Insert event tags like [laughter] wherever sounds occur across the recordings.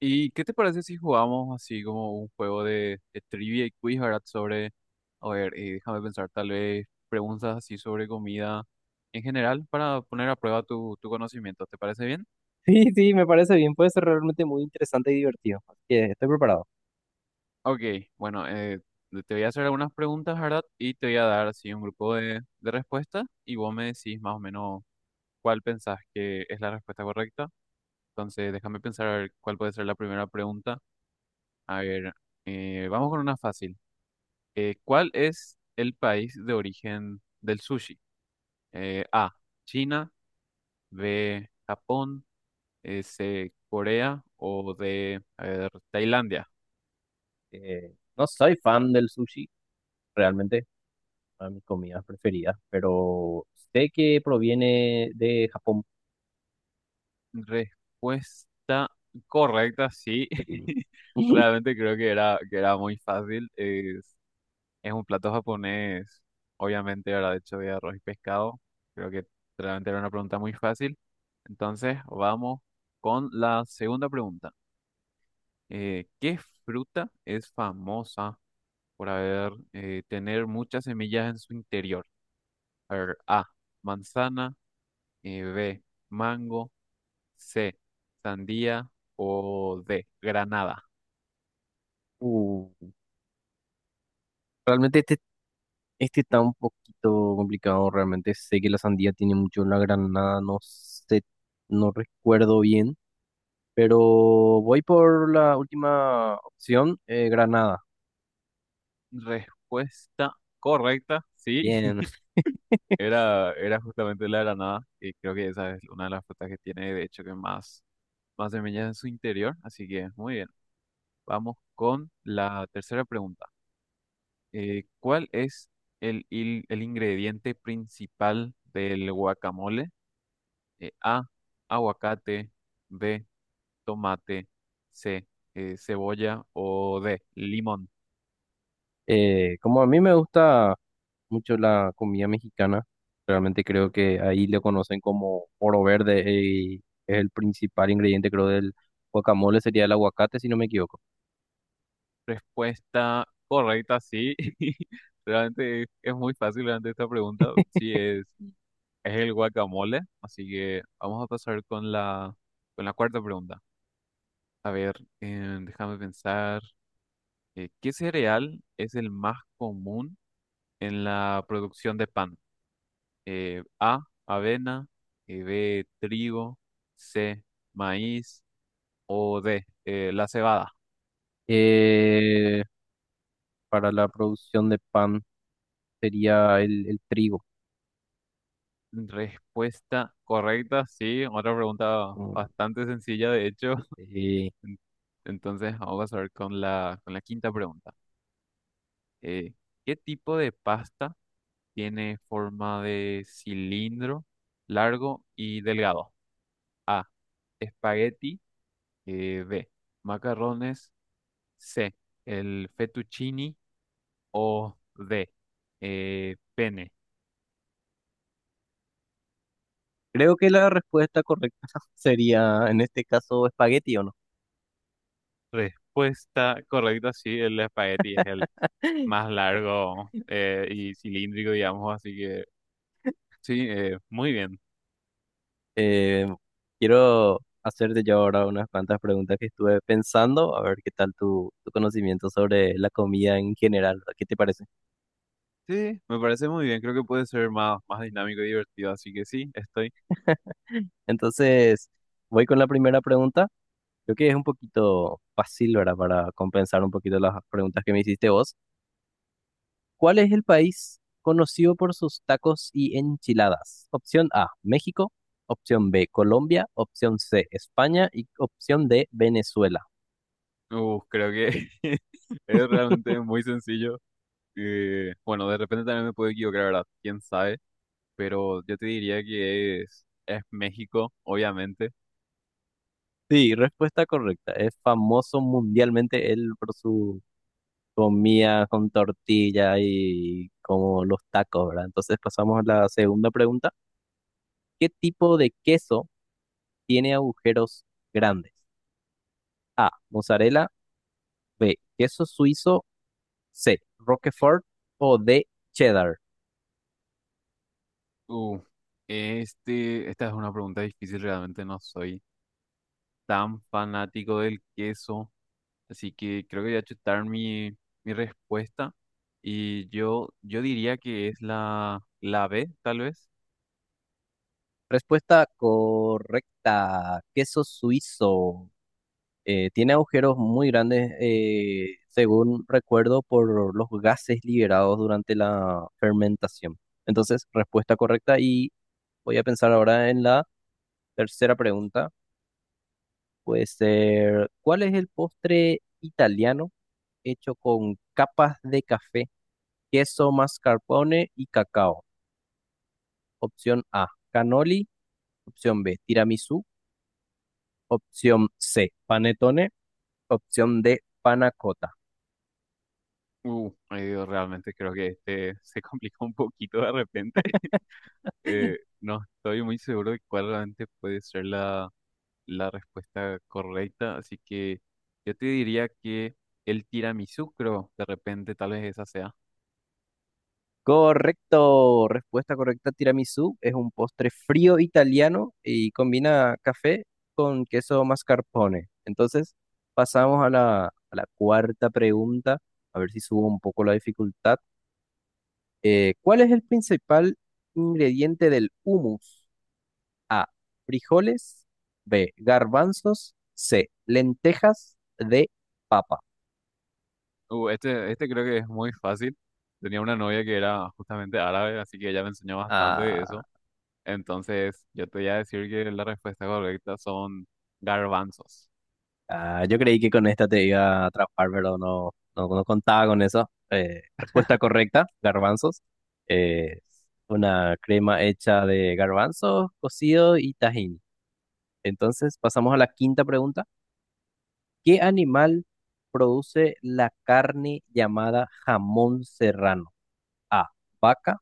¿Y qué te parece si jugamos así como un juego de trivia y quiz, ¿verdad? Sobre, a ver, déjame pensar, tal vez preguntas así sobre comida en general para poner a prueba tu conocimiento. ¿Te parece bien? Sí, sí, me parece bien. Puede ser realmente muy interesante y divertido. Así que estoy preparado. Ok, bueno, te voy a hacer algunas preguntas, ¿verdad? Y te voy a dar así un grupo de respuestas y vos me decís más o menos cuál pensás que es la respuesta correcta. Entonces, déjame pensar a ver cuál puede ser la primera pregunta. A ver, vamos con una fácil. ¿Cuál es el país de origen del sushi? A, China, B, Japón, C, Corea o D, a ver, Tailandia. No soy fan del sushi, realmente, una de mis comidas preferidas, pero sé que proviene de Japón Respuesta correcta, sí. y [laughs] [laughs] Realmente creo que era muy fácil. Es un plato japonés, obviamente, ¿verdad? Hecho de arroz y pescado. Creo que realmente era una pregunta muy fácil. Entonces, vamos con la segunda pregunta. ¿Qué fruta es famosa por haber tener muchas semillas en su interior? A ver, A, manzana, B, mango, C, sandía o D, granada. uh, realmente este está un poquito complicado, realmente sé que la sandía tiene mucho la granada, no sé, no recuerdo bien, pero voy por la última opción, granada. Respuesta correcta, sí, Bien, [laughs] [laughs] era, era justamente la granada y creo que esa es una de las frutas que tiene de hecho que más, más semillas en su interior, así que muy bien. Vamos con la tercera pregunta. ¿Cuál es el ingrediente principal del guacamole? A, aguacate, B, tomate, C, cebolla o D, limón. Como a mí me gusta mucho la comida mexicana. Realmente creo que ahí lo conocen como oro verde y es el principal ingrediente, creo, del guacamole, sería el aguacate, si no me equivoco. Respuesta correcta, sí. [laughs] Realmente es muy fácil realmente esta pregunta. Sí, es el guacamole. Así que vamos a pasar con la cuarta pregunta. A ver, déjame pensar. ¿Qué cereal es el más común en la producción de pan? A, avena, B, trigo, C, maíz o D, la cebada. Eh, para la producción de pan sería el trigo. Respuesta correcta, sí. Otra pregunta Mm, bastante sencilla, de hecho. [laughs] eh, En- Entonces, vamos a ver con la quinta pregunta. Eh, ¿Qué tipo de pasta tiene forma de cilindro, largo y delgado? A, espagueti, B, macarrones. C. El fettuccini o D. Pene. creo que la respuesta correcta [laughs] sería, en este caso, espagueti, ¿o no? Respuesta correcta, sí, el espagueti es el más largo y cilíndrico, digamos, así que sí, muy bien. Eh, Quiero hacerte yo ahora unas cuantas preguntas que estuve pensando, a ver qué tal tu conocimiento sobre la comida en general, ¿qué te parece? Sí, me parece muy bien, creo que puede ser más, más dinámico y divertido, así que sí, estoy. Entonces, voy con la primera pregunta. Creo que es un poquito fácil, ¿verdad? Para compensar un poquito las preguntas que me hiciste vos. ¿Cuál es el país conocido por sus tacos y enchiladas? Opción A, México. Opción B, Colombia. Opción C, España. Y opción D, Venezuela. Uf, creo que [laughs] es realmente muy sencillo. Bueno, de repente también me puedo equivocar, ¿verdad? ¿Quién sabe? Pero yo te diría que es México, obviamente. Sí, respuesta correcta. Es famoso mundialmente él por su comida con tortilla y como los tacos, ¿verdad? Entonces pasamos a la segunda pregunta. ¿Qué tipo de queso tiene agujeros grandes? A, mozzarella, B, queso suizo, C, Roquefort o D, cheddar. Uh, esta es una pregunta difícil, realmente no soy tan fanático del queso, así que creo que voy a chutar mi, mi respuesta y yo diría que es la, la B, tal vez. Respuesta correcta, queso suizo. Tiene agujeros muy grandes, según recuerdo, por los gases liberados durante la fermentación. Entonces, respuesta correcta y voy a pensar ahora en la tercera pregunta. Puede ser, ¿cuál es el postre italiano hecho con capas de café, queso, mascarpone y cacao? Opción A, cannoli. Opción B, tiramisú. Opción C, panettone. Opción D, panacota. Ay, Dios, realmente creo que este [laughs] se complica un poquito de repente. [laughs] No estoy muy seguro de cuál realmente puede ser la, la respuesta correcta, así que yo te diría que el tiramisú, creo, de repente tal vez esa sea. Correcto, respuesta correcta, tiramisú es un postre frío italiano y combina café con queso mascarpone. Entonces, pasamos a la cuarta pregunta, a ver si subo un poco la dificultad. ¿Cuál es el principal ingrediente del hummus? A, frijoles, B, garbanzos, C, lentejas, D, papa. Este creo que es muy fácil. Tenía una novia que era justamente árabe, así que ella me enseñó bastante de Ah. eso. Entonces, yo te voy a decir que la respuesta correcta son garbanzos. Ah, yo creí que con esta te iba a atrapar, pero no, no, no contaba con eso. Respuesta correcta, garbanzos. Eh, una crema hecha de garbanzos, cocido y tajín. Entonces, pasamos a la quinta pregunta. ¿Qué animal produce la carne llamada jamón serrano? A, vaca,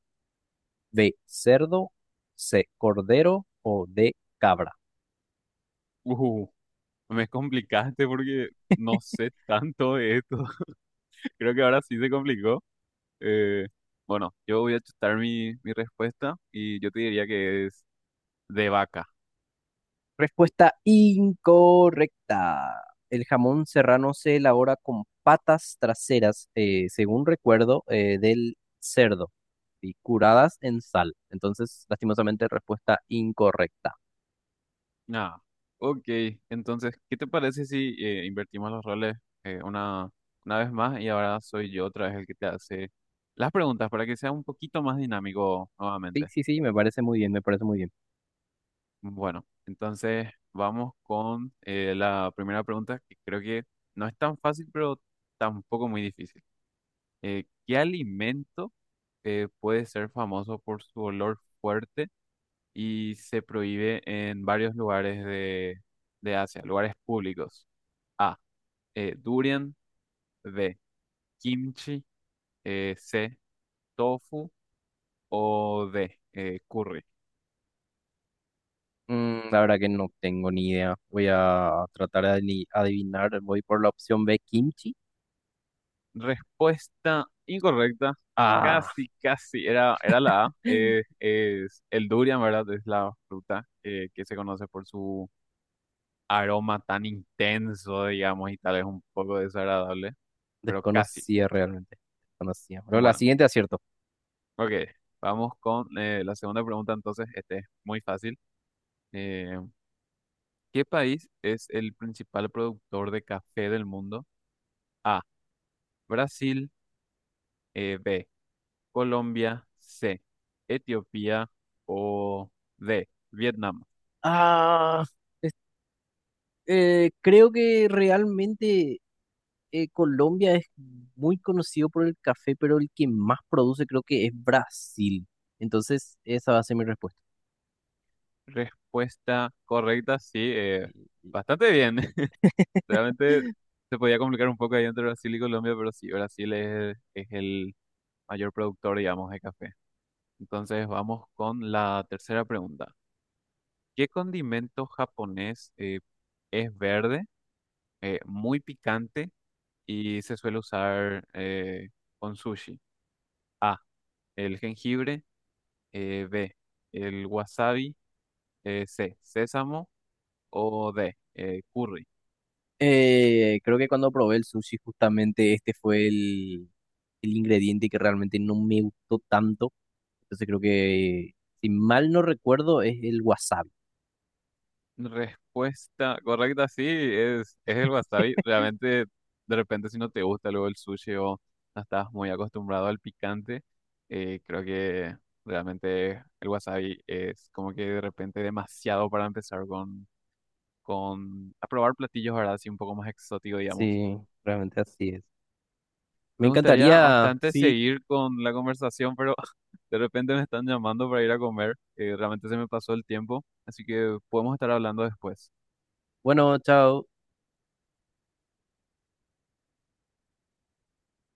B, cerdo, C, cordero o D, cabra. Uh, me complicaste porque no sé tanto de esto. [laughs] Creo que ahora sí se complicó. Eh, bueno, yo voy a chutar mi, mi respuesta y yo te diría que es de vaca. Respuesta incorrecta. El jamón serrano se elabora con patas traseras, según recuerdo, del cerdo y curadas en sal. Entonces, lastimosamente, respuesta incorrecta. Ah, ok. Entonces, ¿qué te parece si invertimos los roles eh, una, una vez más y ahora soy yo otra vez el que te hace las preguntas para que sea un poquito más dinámico Sí, nuevamente? sí, sí, me parece muy bien, me parece muy bien. Bueno, entonces vamos con la primera pregunta que creo que no es tan fácil, pero tampoco muy difícil. ¿Qué alimento puede ser famoso por su olor fuerte y se prohíbe en varios lugares de Asia, lugares públicos? A. Durian, B, kimchi, C, tofu o D, curry. Mm, la verdad que no tengo ni idea. Voy a tratar de adivinar. Voy por la opción B, kimchi. Respuesta incorrecta, Ah, casi, casi, era, era la A. Es el durian, ¿verdad? Es la fruta que se conoce por su aroma tan intenso, digamos, y tal vez un poco desagradable, pero casi. desconocía realmente. Desconocía. Pero la Bueno, siguiente acierto. ok, vamos con la segunda pregunta entonces, este es muy fácil. Eh, ¿Qué país es el principal productor de café del mundo? A. Brasil. B. Colombia. C. Etiopía. O D. Vietnam. Ah, es- creo que realmente Colombia es muy conocido por el café, pero el que más produce creo que es Brasil. Entonces, esa va a ser mi respuesta. Respuesta correcta, sí. Y- [laughs] Bastante bien. [laughs] Realmente se podía complicar un poco ahí entre Brasil y Colombia, pero sí, Brasil es el mayor productor, digamos, de café. Entonces vamos con la tercera pregunta. ¿Qué condimento japonés es verde, muy picante y se suele usar con sushi? A, el jengibre, B, el wasabi, C, sésamo o D, curry. Creo que cuando probé el sushi, justamente este fue el ingrediente que realmente no me gustó tanto. Entonces creo que, si mal no recuerdo, es el wasabi. Respuesta correcta, sí, es el wasabi. Realmente, de repente, si no te gusta luego el sushi o no estás muy acostumbrado al picante, creo que realmente el wasabi es como que de repente demasiado para empezar con a probar platillos, ¿verdad? Así un poco más exótico, digamos. Sí, realmente así es. Me Me gustaría encantaría. bastante Sí, seguir con la conversación, pero [laughs] de repente me están llamando para ir a comer, que realmente se me pasó el tiempo, así que podemos estar hablando después. bueno, chao.